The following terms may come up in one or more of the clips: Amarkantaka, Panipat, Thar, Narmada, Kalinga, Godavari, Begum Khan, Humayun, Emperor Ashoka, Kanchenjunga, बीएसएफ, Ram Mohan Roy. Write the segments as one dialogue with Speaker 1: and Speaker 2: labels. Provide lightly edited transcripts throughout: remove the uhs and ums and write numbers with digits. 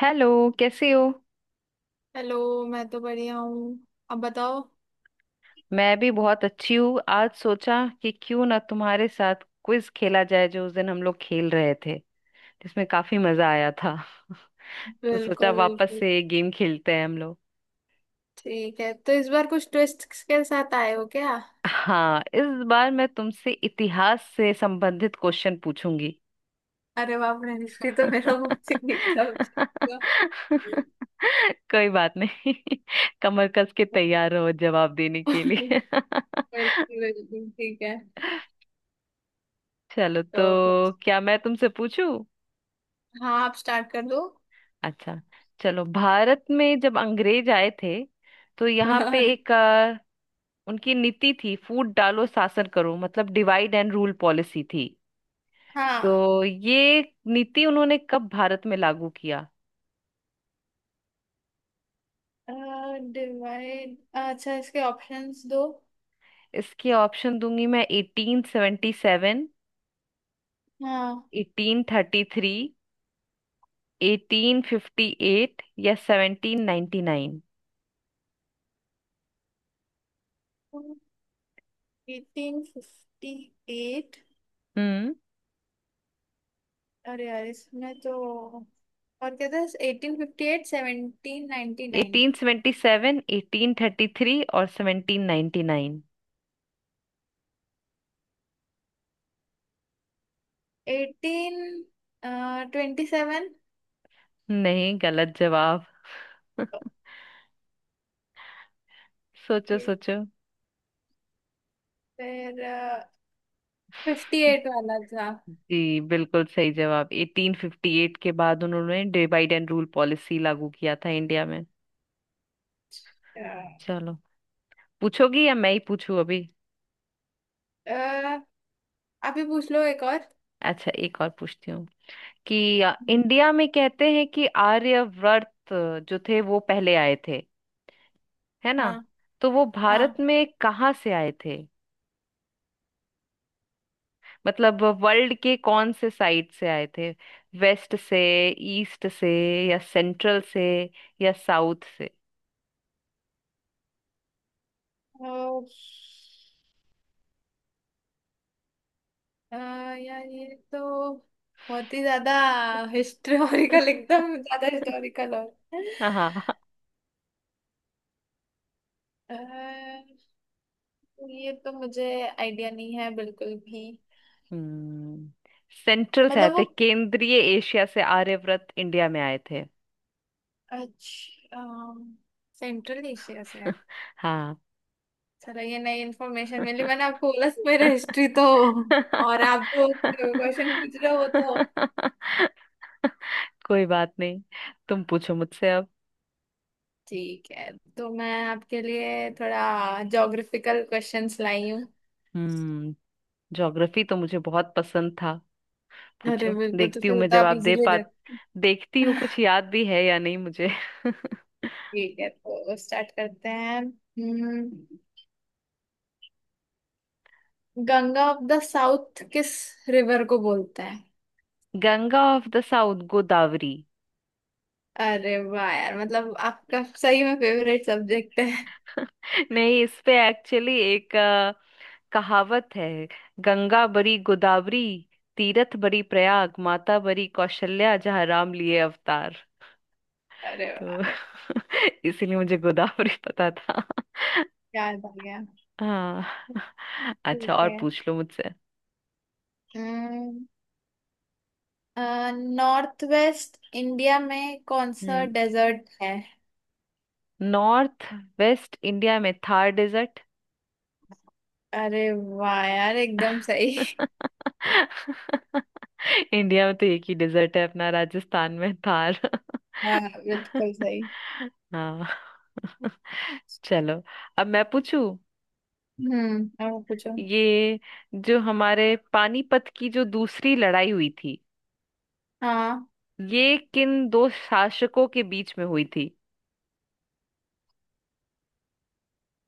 Speaker 1: Hello. कैसे हो?
Speaker 2: Hello. मैं तो बढ़िया हूँ। अब बताओ।
Speaker 1: मैं भी बहुत अच्छी हूँ। आज सोचा कि क्यों ना तुम्हारे साथ क्विज खेला जाए जो उस दिन हम लोग खेल रहे थे, जिसमें काफी मजा आया था। तो सोचा
Speaker 2: बिल्कुल
Speaker 1: वापस
Speaker 2: बिल्कुल।
Speaker 1: से ये गेम खेलते हैं हम लोग।
Speaker 2: ठीक है, तो इस बार कुछ ट्विस्ट के साथ आए हो क्या?
Speaker 1: हाँ, इस बार मैं तुमसे इतिहास से संबंधित क्वेश्चन पूछूंगी।
Speaker 2: अरे बाप रे, हिस्ट्री तो मेरा मुझसे नीचा हो जाएगा।
Speaker 1: कोई बात नहीं। कमर कस के तैयार रहो जवाब देने के
Speaker 2: बिल्कुल।
Speaker 1: लिए।
Speaker 2: बिल्कुल ठीक है।
Speaker 1: चलो तो,
Speaker 2: तो फिर-
Speaker 1: क्या मैं तुमसे पूछूं?
Speaker 2: हाँ, आप स्टार्ट कर दो।
Speaker 1: अच्छा, चलो। भारत में जब अंग्रेज आए थे तो यहाँ पे
Speaker 2: अरे
Speaker 1: एक उनकी नीति थी फूट डालो शासन करो, मतलब डिवाइड एंड रूल पॉलिसी थी।
Speaker 2: हाँ,
Speaker 1: तो ये नीति उन्होंने कब भारत में लागू किया?
Speaker 2: डिवाइड अच्छा, इसके ऑप्शंस दो।
Speaker 1: इसके ऑप्शन दूंगी मैं। 1877,
Speaker 2: हाँ।
Speaker 1: 1833, 1858 या 1799।
Speaker 2: Eighteen fifty eight.
Speaker 1: हम्म
Speaker 2: अरे यार, इसमें तो और कहते हैं eighteen fifty eight, seventeen ninety nine.
Speaker 1: 1877, 1833 और 1799?
Speaker 2: Eighteen twenty seven.
Speaker 1: नहीं, गलत जवाब। सोचो सोचो।
Speaker 2: फिर, फिफ्टी एट वाला था।
Speaker 1: जी, बिल्कुल सही जवाब। 1858 के बाद उन्होंने डिवाइड एंड रूल पॉलिसी लागू किया था इंडिया में। चलो। पूछोगी या मैं ही पूछूं अभी?
Speaker 2: अह, आप ही पूछ लो एक और।
Speaker 1: अच्छा, एक और पूछती हूँ कि
Speaker 2: हम्म।
Speaker 1: इंडिया में कहते हैं कि आर्यवर्त जो थे वो पहले आए थे, है ना?
Speaker 2: हाँ
Speaker 1: तो वो भारत
Speaker 2: हाँ।
Speaker 1: में कहाँ से आए थे? मतलब वर्ल्ड के कौन से साइड से आए थे? वेस्ट से, ईस्ट से, या सेंट्रल से, या साउथ से?
Speaker 2: तो, यार ये तो बहुत ही ज्यादा हिस्टोरिकल, एकदम ज्यादा हिस्टोरिकल हो।
Speaker 1: हाँ।
Speaker 2: अह, ये तो मुझे आइडिया नहीं है बिल्कुल भी।
Speaker 1: हम्म सेंट्रल से आए
Speaker 2: मतलब वो,
Speaker 1: थे। केंद्रीय एशिया से आर्यव्रत इंडिया में आए थे।
Speaker 2: अच्छा, सेंट्रल एशिया से है।
Speaker 1: हाँ,
Speaker 2: चलो ये नई इन्फॉर्मेशन मिली, मैंने आपको बोला था, मेरा हिस्ट्री तो। और आप जो क्वेश्चन पूछ रहे हो वो तो।
Speaker 1: कोई बात नहीं। तुम पूछो मुझसे अब।
Speaker 2: ठीक है, तो मैं आपके लिए थोड़ा ज्योग्राफिकल क्वेश्चंस लाई हूँ।
Speaker 1: हम्म ज्योग्राफी तो मुझे बहुत पसंद था। पूछो,
Speaker 2: अरे बिल्कुल, तो
Speaker 1: देखती हूँ
Speaker 2: फिर
Speaker 1: मैं
Speaker 2: तो आप
Speaker 1: जवाब दे
Speaker 2: इजीली
Speaker 1: पा।
Speaker 2: दे।
Speaker 1: देखती हूँ कुछ याद भी है या नहीं मुझे।
Speaker 2: ठीक है, तो स्टार्ट करते हैं। गंगा ऑफ द साउथ किस रिवर को बोलते हैं?
Speaker 1: Ganga of the south Godavari.
Speaker 2: अरे वाह यार, मतलब आपका सही में फेवरेट सब्जेक्ट है।
Speaker 1: नहीं, इस पे एक्चुअली एक कहावत है। गंगा बरी गोदावरी, तीरथ बरी प्रयाग, माता बरी कौशल्या, जहाँ राम लिए अवतार।
Speaker 2: अरे वाह,
Speaker 1: तो इसीलिए मुझे गोदावरी पता था।
Speaker 2: याद आ गया।
Speaker 1: हाँ। अच्छा,
Speaker 2: ठीक
Speaker 1: और
Speaker 2: है,
Speaker 1: पूछ लो मुझसे।
Speaker 2: नॉर्थ वेस्ट इंडिया में कौन सा
Speaker 1: हम्म
Speaker 2: डेजर्ट है?
Speaker 1: नॉर्थ वेस्ट इंडिया में थार डेजर्ट।
Speaker 2: अरे वाह यार, एकदम सही।
Speaker 1: इंडिया में तो एक ही डेजर्ट है अपना, राजस्थान में, थार।
Speaker 2: हाँ, बिल्कुल सही।
Speaker 1: हाँ। चलो, अब मैं पूछू।
Speaker 2: अब पूछो।
Speaker 1: ये जो हमारे पानीपत की जो दूसरी लड़ाई हुई थी,
Speaker 2: हाँ,
Speaker 1: ये किन दो शासकों के बीच में हुई थी?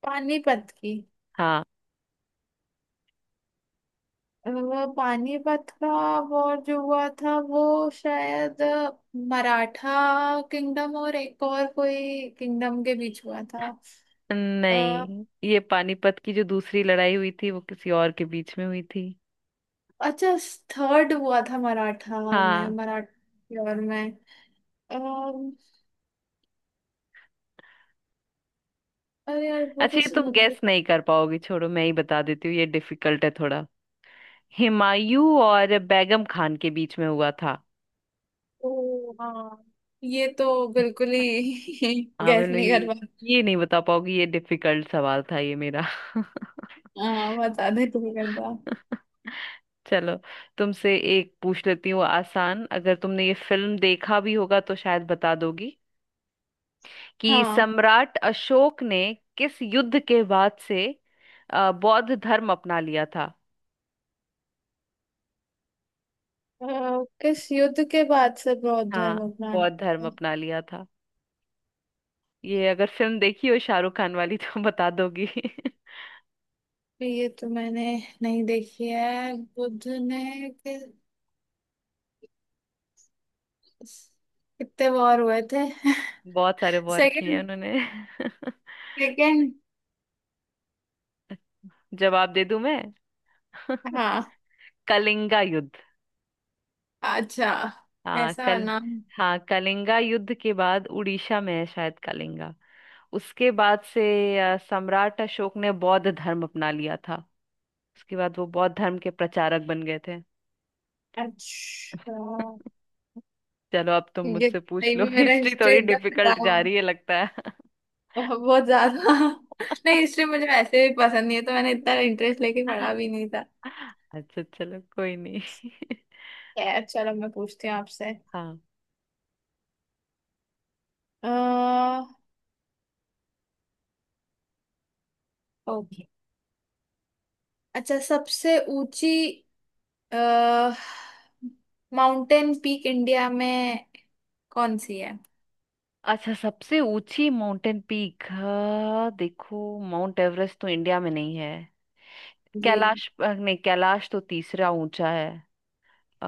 Speaker 2: पानीपत की।
Speaker 1: हाँ।
Speaker 2: वो पानीपत का, वो जो हुआ था, वो शायद मराठा किंगडम और एक और कोई किंगडम के बीच हुआ था। अ,
Speaker 1: नहीं, ये पानीपत की जो दूसरी लड़ाई हुई थी वो किसी और के बीच में हुई थी।
Speaker 2: अच्छा, थर्ड हुआ था मराठा में,
Speaker 1: हाँ।
Speaker 2: मराठा और में। अरे यार, वो
Speaker 1: अच्छा, ये
Speaker 2: कैसे
Speaker 1: तुम
Speaker 2: बनती।
Speaker 1: गैस नहीं कर पाओगी, छोड़ो, मैं ही बता देती हूँ, ये डिफिकल्ट है थोड़ा। हुमायूं और बेगम खान के बीच में हुआ था।
Speaker 2: ओ हाँ, ये तो बिल्कुल ही
Speaker 1: हाँ,
Speaker 2: गैस
Speaker 1: मैंने
Speaker 2: नहीं कर पा।
Speaker 1: ये नहीं बता पाओगी, ये डिफिकल्ट सवाल था ये मेरा।
Speaker 2: हाँ, बता दे तू कर पा।
Speaker 1: चलो, तुमसे एक पूछ लेती हूँ आसान। अगर तुमने ये फिल्म देखा भी होगा तो शायद बता दोगी कि
Speaker 2: हाँ,
Speaker 1: सम्राट अशोक ने किस युद्ध के बाद से बौद्ध धर्म अपना लिया था?
Speaker 2: अ, किस युद्ध के बाद से बौद्ध
Speaker 1: हाँ,
Speaker 2: धर्म अपना
Speaker 1: बौद्ध धर्म
Speaker 2: लिया?
Speaker 1: अपना लिया था। ये, अगर फिल्म देखी हो शाहरुख खान वाली, तो बता दोगी।
Speaker 2: ये तो मैंने नहीं देखी है। कितने वॉर हुए थे?
Speaker 1: बहुत सारे वॉर किए हैं
Speaker 2: सेकंड,
Speaker 1: उन्होंने।
Speaker 2: सेकंड।
Speaker 1: जवाब दे दूं मैं?
Speaker 2: हाँ।
Speaker 1: कलिंगा युद्ध।
Speaker 2: अच्छा।
Speaker 1: हाँ।
Speaker 2: ऐसा
Speaker 1: कल
Speaker 2: नाम।
Speaker 1: हाँ, कलिंगा युद्ध के बाद, उड़ीसा में है शायद कलिंगा। उसके बाद से सम्राट अशोक ने बौद्ध धर्म अपना लिया था। उसके बाद वो बौद्ध धर्म के प्रचारक बन गए थे।
Speaker 2: अच्छा,
Speaker 1: चलो, अब तुम
Speaker 2: ये
Speaker 1: मुझसे पूछ
Speaker 2: सही
Speaker 1: लो।
Speaker 2: में मेरा
Speaker 1: हिस्ट्री
Speaker 2: हिस्ट्री
Speaker 1: थोड़ी
Speaker 2: एकदम
Speaker 1: डिफिकल्ट जा
Speaker 2: खराब।
Speaker 1: रही है लगता है।
Speaker 2: बहुत ज्यादा। नहीं, हिस्ट्री मुझे वैसे भी पसंद नहीं है, तो मैंने इतना इंटरेस्ट लेके पढ़ा भी नहीं था।
Speaker 1: अच्छा, चलो, कोई नहीं।
Speaker 2: खैर चलो, मैं पूछती हूँ आपसे।
Speaker 1: हाँ।
Speaker 2: अह ओके, अच्छा, सबसे ऊंची अह माउंटेन पीक इंडिया में कौन सी है?
Speaker 1: अच्छा, सबसे ऊंची माउंटेन पीक, देखो, माउंट एवरेस्ट तो इंडिया में नहीं है।
Speaker 2: जी।
Speaker 1: कैलाश नहीं, कैलाश तो तीसरा ऊंचा है। आ,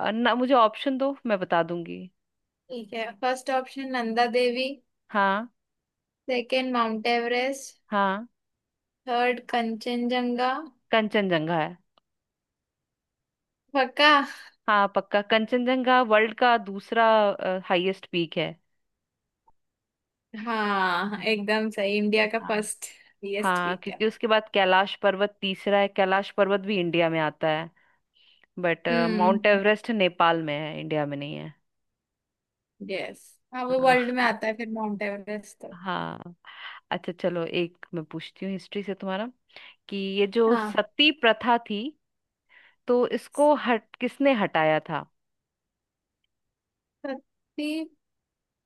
Speaker 1: आ, ना, मुझे ऑप्शन दो मैं बता दूंगी।
Speaker 2: ठीक है, फर्स्ट ऑप्शन नंदा देवी,
Speaker 1: हाँ।
Speaker 2: सेकंड माउंट एवरेस्ट,
Speaker 1: हाँ,
Speaker 2: थर्ड कंचनजंगा।
Speaker 1: कंचनजंगा है।
Speaker 2: पक्का?
Speaker 1: हाँ, पक्का। कंचनजंगा वर्ल्ड का दूसरा हाईएस्ट पीक है।
Speaker 2: हाँ, एकदम सही। इंडिया का
Speaker 1: हाँ।
Speaker 2: फर्स्ट हाईएस्ट
Speaker 1: हाँ,
Speaker 2: पीक है।
Speaker 1: क्योंकि उसके बाद कैलाश पर्वत तीसरा है। कैलाश पर्वत भी इंडिया में आता है, बट माउंट
Speaker 2: हम्म,
Speaker 1: एवरेस्ट नेपाल में है, इंडिया में नहीं है।
Speaker 2: यस, हाँ, वो
Speaker 1: हाँ।
Speaker 2: वर्ल्ड में आता है फिर माउंट एवरेस्ट तो।
Speaker 1: हाँ, अच्छा, चलो, एक मैं पूछती हूँ हिस्ट्री से तुम्हारा, कि ये जो
Speaker 2: हाँ,
Speaker 1: सती प्रथा थी तो इसको हट किसने हटाया था?
Speaker 2: सत्ती।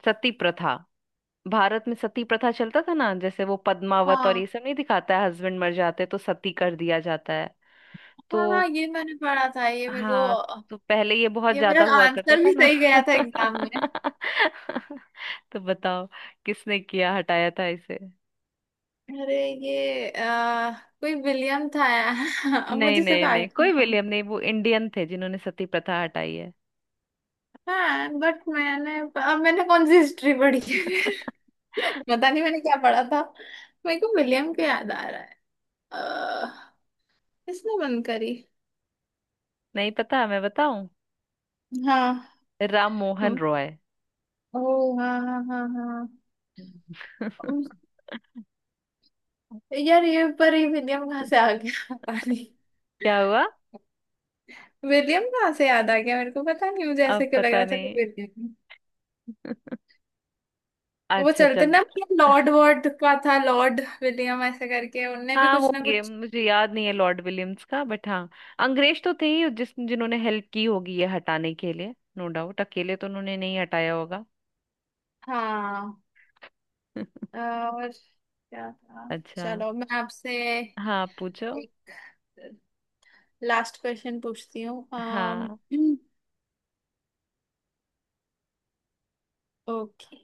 Speaker 1: सती प्रथा। भारत में सती प्रथा चलता था ना, जैसे वो पद्मावत और
Speaker 2: हाँ,
Speaker 1: ये सब नहीं दिखाता है, हस्बैंड मर जाते तो सती कर दिया जाता है। तो
Speaker 2: हाँ, हाँ, ये मैंने पढ़ा था ये मेरे
Speaker 1: हाँ।
Speaker 2: को।
Speaker 1: तो पहले ये बहुत
Speaker 2: ये मेरा
Speaker 1: ज्यादा हुआ करता
Speaker 2: आंसर
Speaker 1: था
Speaker 2: भी
Speaker 1: ना।
Speaker 2: सही गया था एग्जाम में।
Speaker 1: तो बताओ, किसने किया हटाया था इसे?
Speaker 2: अरे, ये कोई विलियम था। अब
Speaker 1: नहीं
Speaker 2: मुझे सिर्फ
Speaker 1: नहीं
Speaker 2: आगे
Speaker 1: नहीं,
Speaker 2: था
Speaker 1: कोई
Speaker 2: नाम।
Speaker 1: विलियम नहीं, वो इंडियन थे जिन्होंने सती प्रथा हटाई है।
Speaker 2: हाँ, बट मैंने, अब मैंने कौन सी हिस्ट्री पढ़ी है फिर। पता नहीं मैंने क्या पढ़ा था। मेरे को विलियम का याद आ रहा है। अह, किसने बंद करी?
Speaker 1: नहीं पता, मैं बताऊं?
Speaker 2: हाँ।
Speaker 1: राम मोहन रॉय।
Speaker 2: ओ हाँ, हाँ, हाँ। हाँ। यार ये, पर ये विलियम कहाँ से आ गया पानी।
Speaker 1: क्या हुआ?
Speaker 2: विलियम कहाँ से याद आ गया मेरे को? पता नहीं, मुझे ऐसे
Speaker 1: अब
Speaker 2: क्यों लग
Speaker 1: पता
Speaker 2: रहा था कि
Speaker 1: नहीं।
Speaker 2: विलियम। वो
Speaker 1: अच्छा,
Speaker 2: चलते
Speaker 1: चलो।
Speaker 2: ना, लॉर्ड वॉर्ड का था, लॉर्ड विलियम ऐसे करके उनने भी
Speaker 1: हाँ,
Speaker 2: कुछ ना
Speaker 1: होंगे,
Speaker 2: कुछ।
Speaker 1: मुझे याद नहीं है लॉर्ड विलियम्स का, बट हाँ, अंग्रेज तो थे ही जिस जिन्होंने हेल्प की होगी ये हटाने के लिए, नो डाउट अकेले तो उन्होंने नहीं हटाया होगा।
Speaker 2: हाँ, और क्या था।
Speaker 1: अच्छा।
Speaker 2: चलो, मैं आपसे
Speaker 1: हाँ, पूछो।
Speaker 2: एक लास्ट क्वेश्चन पूछती हूँ।
Speaker 1: हाँ।
Speaker 2: ओके।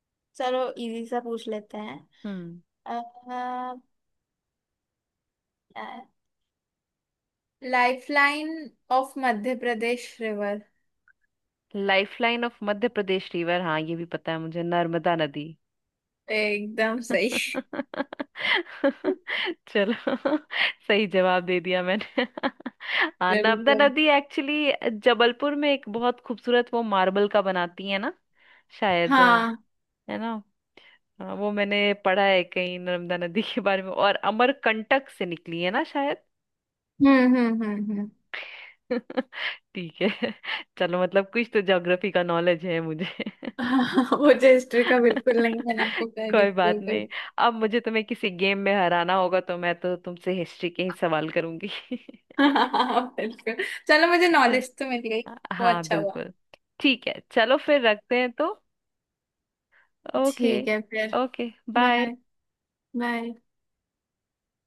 Speaker 2: चलो, इजी सा पूछ लेते हैं।
Speaker 1: हम्म
Speaker 2: lifeline of Madhya Pradesh?
Speaker 1: Lifeline of Madhya Pradesh river, हाँ, ये भी पता है मुझे, नर्मदा नदी।
Speaker 2: एकदम सही।
Speaker 1: चलो, सही जवाब दे दिया मैंने। हाँ, नर्मदा
Speaker 2: बिल्कुल।
Speaker 1: नदी एक्चुअली जबलपुर में एक बहुत खूबसूरत वो मार्बल का बनाती है ना, शायद,
Speaker 2: हाँ,
Speaker 1: है ना? हाँ, वो मैंने पढ़ा है कहीं नर्मदा नदी के बारे में, और अमरकंटक से निकली है ना शायद।
Speaker 2: हम्म, हम्म, हम्म, हम्म।
Speaker 1: ठीक है, चलो, मतलब कुछ तो ज्योग्राफी का नॉलेज है मुझे।
Speaker 2: हाँ, मुझे हिस्ट्री का बिल्कुल नहीं, मैंने आपको कह दी
Speaker 1: कोई बात
Speaker 2: बिल्कुल।
Speaker 1: नहीं, अब मुझे तुम्हें किसी गेम में हराना होगा तो मैं तो तुमसे हिस्ट्री के ही सवाल करूंगी।
Speaker 2: हाँ, बिल्कुल, चलो मुझे नॉलेज
Speaker 1: अच्छा।
Speaker 2: तो मिल गई। वो
Speaker 1: हाँ,
Speaker 2: अच्छा हुआ।
Speaker 1: बिल्कुल। ठीक है, चलो, फिर रखते हैं तो। ओके।
Speaker 2: ठीक है फिर।
Speaker 1: Okay, bye.
Speaker 2: बाय। बाय।